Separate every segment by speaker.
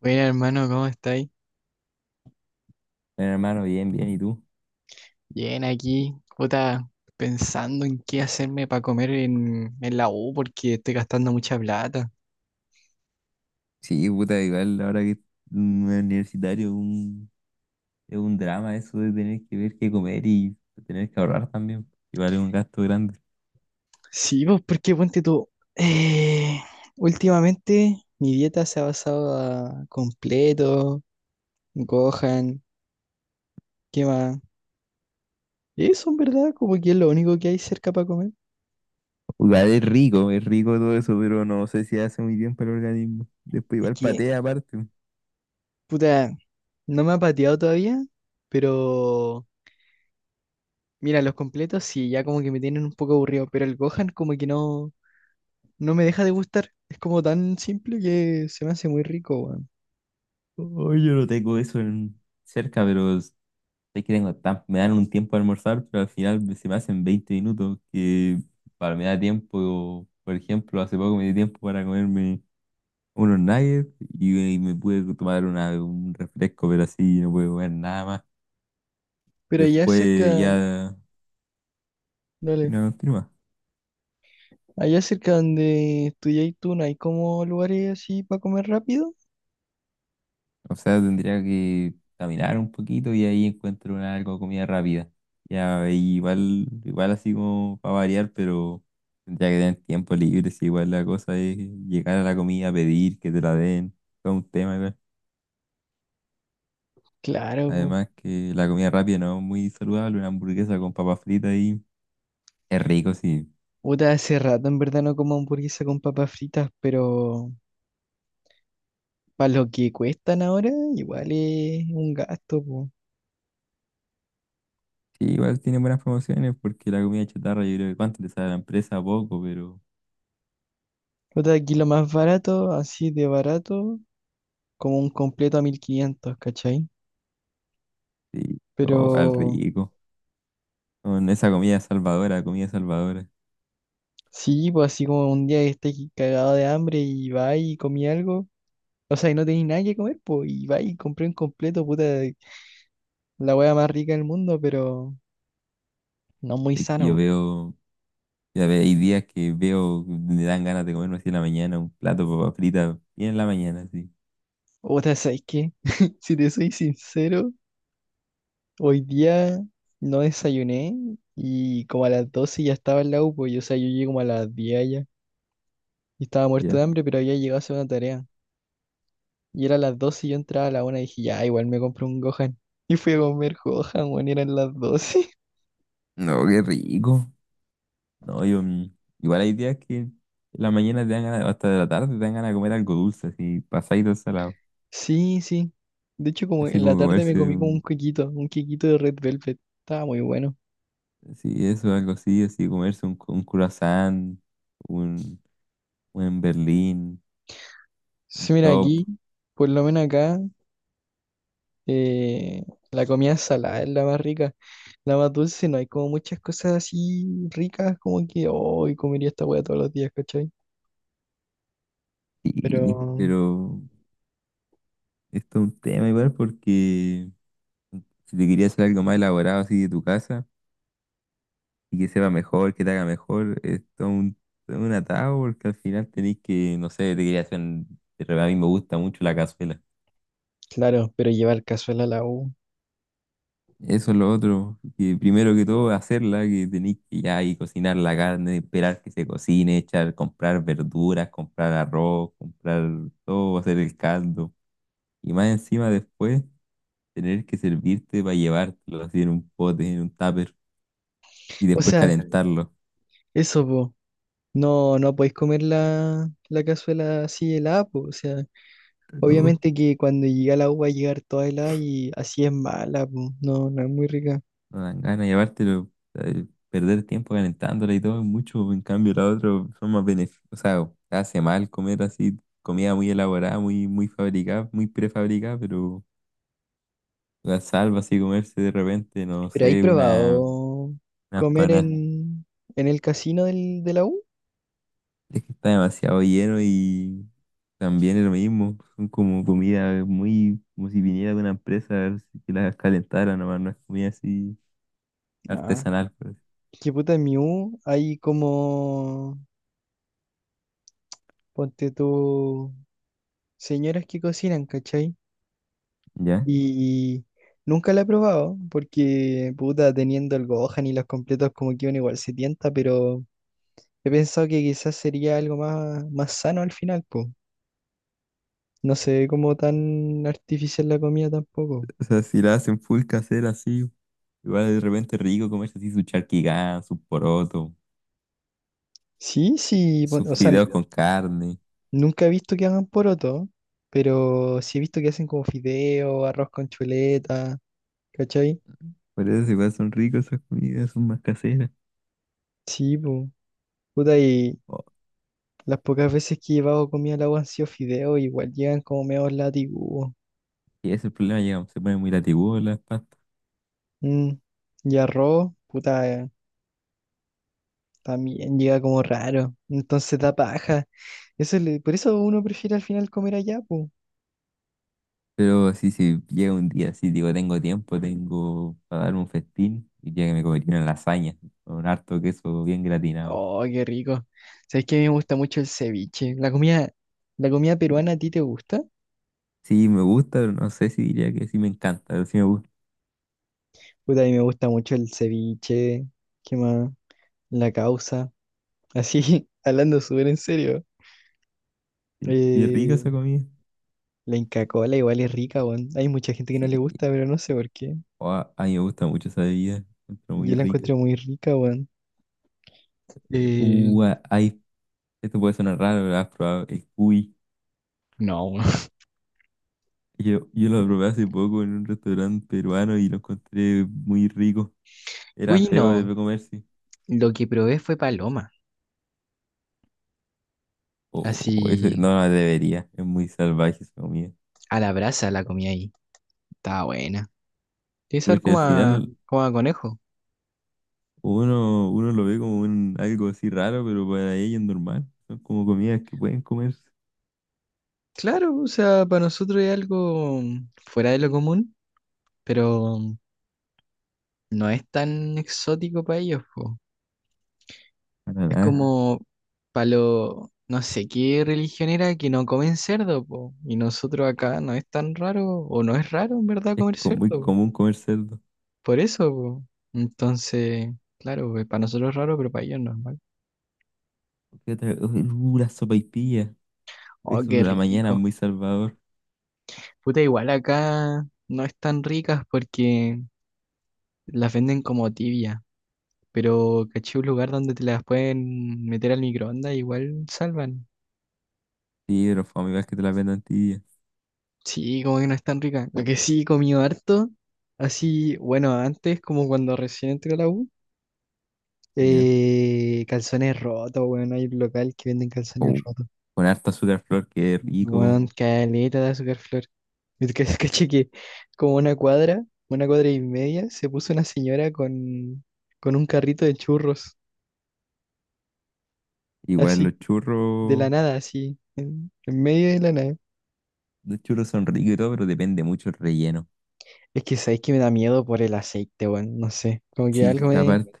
Speaker 1: Bueno, hermano, ¿cómo estáis?
Speaker 2: Bueno, hermano, bien, bien, ¿y tú?
Speaker 1: Bien, aquí, puta, pensando en qué hacerme para comer en la U porque estoy gastando mucha plata.
Speaker 2: Sí, puta, igual ahora que es un universitario es un drama eso de tener que ver qué comer y tener que ahorrar también. Igual es un gasto grande.
Speaker 1: Sí, pues, porque ponte tú. eh, últimamente mi dieta se ha basado a completo, Gohan, ¿qué más? Eso, en verdad, como que es lo único que hay cerca para comer.
Speaker 2: Igual es rico todo eso, pero no sé si hace muy bien para el organismo. Después
Speaker 1: Es
Speaker 2: igual
Speaker 1: que,
Speaker 2: patea aparte.
Speaker 1: puta, no me ha pateado todavía, pero mira, los completos sí, ya como que me tienen un poco aburrido, pero el Gohan como que no. No me deja de gustar. Es como tan simple que se me hace muy rico, weón.
Speaker 2: Oh, yo no tengo eso cerca, pero es que tengo me dan un tiempo a almorzar, pero al final se me hacen 20 minutos que para me da tiempo, por ejemplo, hace poco me di tiempo para comerme unos nuggets y ahí me pude tomar un refresco, pero así no pude comer nada más.
Speaker 1: Pero allá
Speaker 2: Después
Speaker 1: cerca, mira.
Speaker 2: ya
Speaker 1: Dale,
Speaker 2: no continúa.
Speaker 1: allá cerca donde estudiáis tú, ¿no hay como lugares así para comer rápido?
Speaker 2: O sea, tendría que caminar un poquito y ahí encuentro una, algo de comida rápida. Ya ahí igual, igual así como para variar, pero tendría que tener tiempo libre. Si igual la cosa es llegar a la comida, pedir que te la den, todo un tema igual.
Speaker 1: Claro, po.
Speaker 2: Además que la comida rápida no es muy saludable, una hamburguesa con papas fritas ahí es rico, sí.
Speaker 1: Puta, hace rato en verdad no como hamburguesa con papas fritas, pero para lo que cuestan ahora, igual es un gasto, po.
Speaker 2: Sí, igual tiene buenas promociones porque la comida chatarra, yo creo que cuánto le sale a la empresa, poco, pero
Speaker 1: Puta, aquí lo más barato, así de barato, como un completo a 1.500, ¿cachai?
Speaker 2: sí,
Speaker 1: Pero
Speaker 2: todo al rico. Con esa comida salvadora, comida salvadora.
Speaker 1: sí, pues, así como un día que estés cagado de hambre y va y comí algo, o sea, y no tenéis nada que comer, pues, y vais y compré un completo, puta, la hueá más rica del mundo, pero no muy
Speaker 2: Es que yo
Speaker 1: sano.
Speaker 2: veo, ya ve, hay días que veo, que me dan ganas de comerme así en la mañana, un plato de papas fritas, bien en la mañana, así.
Speaker 1: Po. Puta, ¿sabes qué? Si te soy sincero, hoy día no desayuné y como a las 12 ya estaba en la U, pues, y, o sea, yo llegué como a las 10 allá y estaba muerto
Speaker 2: Ya.
Speaker 1: de hambre, pero había llegado a hacer una tarea. Y era las 12 y yo entraba a la 1 y dije, ya, igual me compré un Gohan. Y fui a comer Gohan, bueno, eran las 12.
Speaker 2: No, qué rico. No, yo, igual hay días que en la mañana te dan ganas, hasta de la tarde te dan ganas de comer algo dulce, así, pasadito salado.
Speaker 1: Sí, sí. De hecho, como
Speaker 2: Así
Speaker 1: en la
Speaker 2: como
Speaker 1: tarde me
Speaker 2: comerse
Speaker 1: comí como un quequito de Red Velvet. Estaba muy bueno.
Speaker 2: sí, eso, algo así, así comerse un croissant, un, un Berlín,
Speaker 1: Sí, mira,
Speaker 2: top.
Speaker 1: aquí, por lo menos acá, eh, la comida salada es la más rica. La más dulce, no hay como muchas cosas así ricas, como que hoy comería esta hueá todos los días, ¿cachai? Pero,
Speaker 2: Sí, pero esto es un tema igual porque si te quería hacer algo más elaborado así de tu casa y que sepa mejor, que te haga mejor, esto es todo un atado porque al final tenés que, no sé, te quería hacer, de verdad a mí me gusta mucho la cazuela.
Speaker 1: claro, pero llevar cazuela a la U.
Speaker 2: Eso es lo otro, que primero que todo hacerla, que tenéis que ya ahí cocinar la carne, esperar que se cocine, echar, comprar verduras, comprar arroz, comprar todo, hacer el caldo. Y más encima después tener que servirte para llevártelo así en un pote, en un tupper, y
Speaker 1: O
Speaker 2: después
Speaker 1: sea,
Speaker 2: calentarlo.
Speaker 1: eso, po. No, no podéis comer la cazuela así helada, po. O sea.
Speaker 2: Pero
Speaker 1: Obviamente que cuando llega la agua va a llegar toda helada y así es mala, po. No, no es muy rica.
Speaker 2: no dan ganas de llevártelo, perder tiempo calentándola y todo es mucho, en cambio la otra son más beneficios, o sea, hace mal comer así, comida muy elaborada, muy, muy fabricada, muy prefabricada, pero la salva así comerse de repente, no
Speaker 1: ¿Pero hay
Speaker 2: sé, una,
Speaker 1: probado
Speaker 2: unas
Speaker 1: comer
Speaker 2: panas.
Speaker 1: en el casino del, de la U?
Speaker 2: Es que está demasiado lleno y también es lo mismo. Son como comida muy, como si viniera de una empresa a ver si que las calentara nomás, no es comida así
Speaker 1: Ah,
Speaker 2: artesanal, por
Speaker 1: qué puta en mi U hay como, ponte tú, señoras que cocinan, ¿cachai?
Speaker 2: ¿ya?
Speaker 1: Y nunca la he probado porque, puta, teniendo el Gohan y los completos como que uno igual se tienta, pero he pensado que quizás sería algo más, más sano al final, po. No se ve como tan artificial la comida tampoco.
Speaker 2: O sea, si la hacen full casera así, igual de repente es rico comerse así su charquigán, su poroto,
Speaker 1: Sí, sí,
Speaker 2: sus
Speaker 1: o sea,
Speaker 2: fideos con carne.
Speaker 1: nunca he visto que hagan poroto, pero sí he visto que hacen como fideo, arroz con chuleta, ¿cachai?
Speaker 2: Por eso igual son ricos esas comidas, son más caseras.
Speaker 1: Sí, pues. Puta, y
Speaker 2: Oh,
Speaker 1: las pocas veces que he llevado comida al agua han sido fideo, igual llegan como medio látigo.
Speaker 2: y ese es el problema, llegamos, se ponen muy latigudos las pastas.
Speaker 1: Y arroz, puta, también llega como raro. Entonces da paja. Por eso uno prefiere al final comer allá, pues.
Speaker 2: Pero así si llega un día así, digo, tengo tiempo, tengo para dar un festín, y ya que me comería una lasaña con harto queso bien gratinado.
Speaker 1: Oh, qué rico. ¿Sabes que a mí me gusta mucho el ceviche? ¿La comida peruana, ¿a ti te gusta?
Speaker 2: Sí, me gusta, pero no sé si diría que sí me encanta, pero sí me gusta.
Speaker 1: Pues a mí me gusta mucho el ceviche, ¿qué más? La causa. Así, hablando súper en serio.
Speaker 2: Sí, sí es rica esa
Speaker 1: Eh,
Speaker 2: comida.
Speaker 1: la Inca Kola igual es rica, weón. Hay mucha gente que no le
Speaker 2: Sí,
Speaker 1: gusta, pero no sé por qué.
Speaker 2: o a mí me gusta mucho esa bebida, encuentro
Speaker 1: Yo
Speaker 2: muy
Speaker 1: la
Speaker 2: rica.
Speaker 1: encuentro muy rica, weón. Eh,
Speaker 2: A- hay, esto puede sonar raro, pero has probado el cuy.
Speaker 1: no,
Speaker 2: Yo lo probé hace poco en un restaurante peruano y lo encontré muy rico. Era
Speaker 1: uy,
Speaker 2: feo
Speaker 1: no.
Speaker 2: de comerse
Speaker 1: Lo que probé fue paloma.
Speaker 2: o ese, no,
Speaker 1: Así,
Speaker 2: la debería, es muy salvaje esa comida.
Speaker 1: a la brasa la comí ahí. Estaba buena. Tiene
Speaker 2: Pero
Speaker 1: sabor
Speaker 2: es que al
Speaker 1: como a,
Speaker 2: final
Speaker 1: como a conejo.
Speaker 2: uno, uno lo ve como un, algo así raro, pero para ellos es normal. Son como comidas que pueden comerse.
Speaker 1: Claro, o sea, para nosotros es algo fuera de lo común, pero no es tan exótico para ellos, po.
Speaker 2: Para
Speaker 1: Es Ah,
Speaker 2: nada.
Speaker 1: como para lo, no sé qué religión era que no comen cerdo, po. Y nosotros acá no es tan raro, o no es raro en verdad
Speaker 2: Es
Speaker 1: comer cerdo,
Speaker 2: muy
Speaker 1: po.
Speaker 2: común comer cerdo.
Speaker 1: Por eso, po. Entonces, claro, pues, para nosotros es raro, pero para ellos es normal.
Speaker 2: ¿Qué otra? Uy, uh, la sopaipilla.
Speaker 1: Oh,
Speaker 2: Eso
Speaker 1: qué
Speaker 2: de la mañana,
Speaker 1: rico.
Speaker 2: muy salvador.
Speaker 1: Puta, igual acá no es tan ricas porque las venden como tibia. Pero caché un lugar donde te las pueden meter al microondas, igual salvan.
Speaker 2: Sí, pero fue igual que te la vendan tibia.
Speaker 1: Sí, como que no es tan rica. Lo que sí he comido harto, así, bueno, antes, como cuando recién entré a la U,
Speaker 2: ¿Ya?
Speaker 1: calzones rotos. Bueno, hay un local que venden calzones
Speaker 2: O
Speaker 1: rotos.
Speaker 2: con harta azúcar flor, que rico.
Speaker 1: Bueno, caleta de azúcar flor. Y caché que como una cuadra y media, se puso una señora con, un carrito de churros,
Speaker 2: Igual
Speaker 1: así, de la nada, así, en medio de la nada.
Speaker 2: los churros son ricos y todo, pero depende mucho el relleno.
Speaker 1: Es que sabéis que me da miedo por el aceite, weón. No sé. Como que
Speaker 2: Sí, aparte,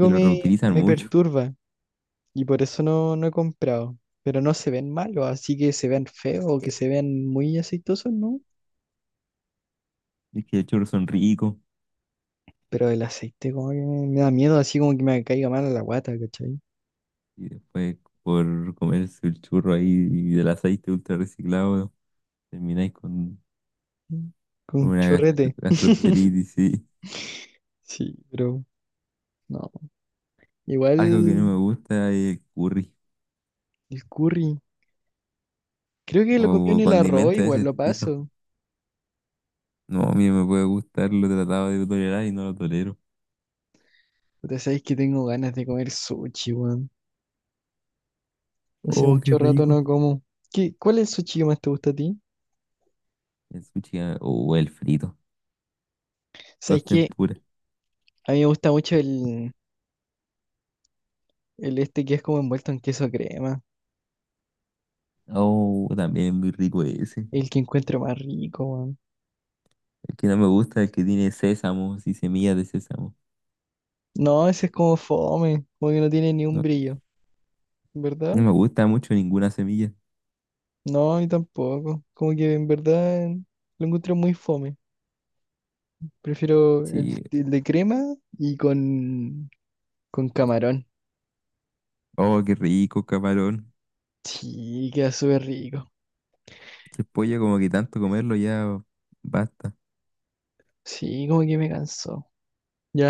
Speaker 2: y lo
Speaker 1: me,
Speaker 2: reutilizan
Speaker 1: me No,
Speaker 2: mucho.
Speaker 1: perturba. Y por eso no, no he comprado. Pero no se ven malos, así que se vean feos o que se vean muy aceitosos, ¿no?
Speaker 2: Es que los churros son ricos
Speaker 1: Pero el aceite como que me da miedo, así como que me caiga mal a la guata, ¿cachai?
Speaker 2: y después por comerse el churro ahí y del aceite ultra reciclado termináis
Speaker 1: Mm. Con
Speaker 2: con
Speaker 1: un
Speaker 2: una
Speaker 1: chorrete.
Speaker 2: gastroenteritis, sí,
Speaker 1: Sí, pero no.
Speaker 2: algo que
Speaker 1: Igual
Speaker 2: no me gusta es el curry
Speaker 1: el curry. Creo que lo comió en
Speaker 2: o
Speaker 1: el arroz,
Speaker 2: condimentos de ese
Speaker 1: igual lo
Speaker 2: estilo.
Speaker 1: paso.
Speaker 2: No, a mí no me puede gustar, lo he tratado de tolerar y no lo tolero.
Speaker 1: Puta, sabéis que tengo ganas de comer sushi, weón. Hace
Speaker 2: Oh, qué
Speaker 1: mucho rato
Speaker 2: rico.
Speaker 1: no como. ¿Qué, cuál es el sushi que más te gusta a ti?
Speaker 2: El sushi ah, o el frito,
Speaker 1: ¿Sabes
Speaker 2: los
Speaker 1: que
Speaker 2: tempura.
Speaker 1: a mí me gusta mucho el este que es como envuelto en queso crema?
Speaker 2: Oh, también muy rico ese.
Speaker 1: El que encuentro más rico, weón.
Speaker 2: El que no me gusta es el que tiene sésamo y semillas de sésamo.
Speaker 1: No, ese es como fome. Como que no tiene ni un
Speaker 2: No,
Speaker 1: brillo. ¿Verdad?
Speaker 2: no me gusta mucho ninguna semilla.
Speaker 1: No, a mí tampoco. Como que en verdad lo encuentro muy fome. Prefiero el,
Speaker 2: Sí,
Speaker 1: el de crema y con camarón.
Speaker 2: oh, qué rico, camarón.
Speaker 1: Sí, queda súper rico.
Speaker 2: El pollo, como que tanto comerlo ya basta.
Speaker 1: Sí, como que me cansó.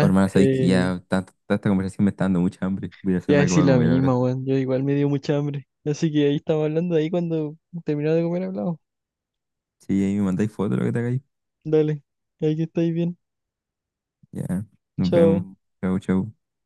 Speaker 2: Oh, hermana, sabéis que ya tanta, tanta conversación me está dando mucha hambre. Voy a ir a
Speaker 1: Te iba a
Speaker 2: hacerme algo
Speaker 1: decir
Speaker 2: para
Speaker 1: lo
Speaker 2: comer ahora.
Speaker 1: mismo, weón. Yo igual me dio mucha hambre. Así que ahí estamos hablando, ahí cuando terminaba de comer hablamos.
Speaker 2: Sí, ahí me mandáis fotos de lo que te hagáis.
Speaker 1: Dale, ahí que estáis bien.
Speaker 2: Ya, nos vemos.
Speaker 1: Chao.
Speaker 2: Chau, chau.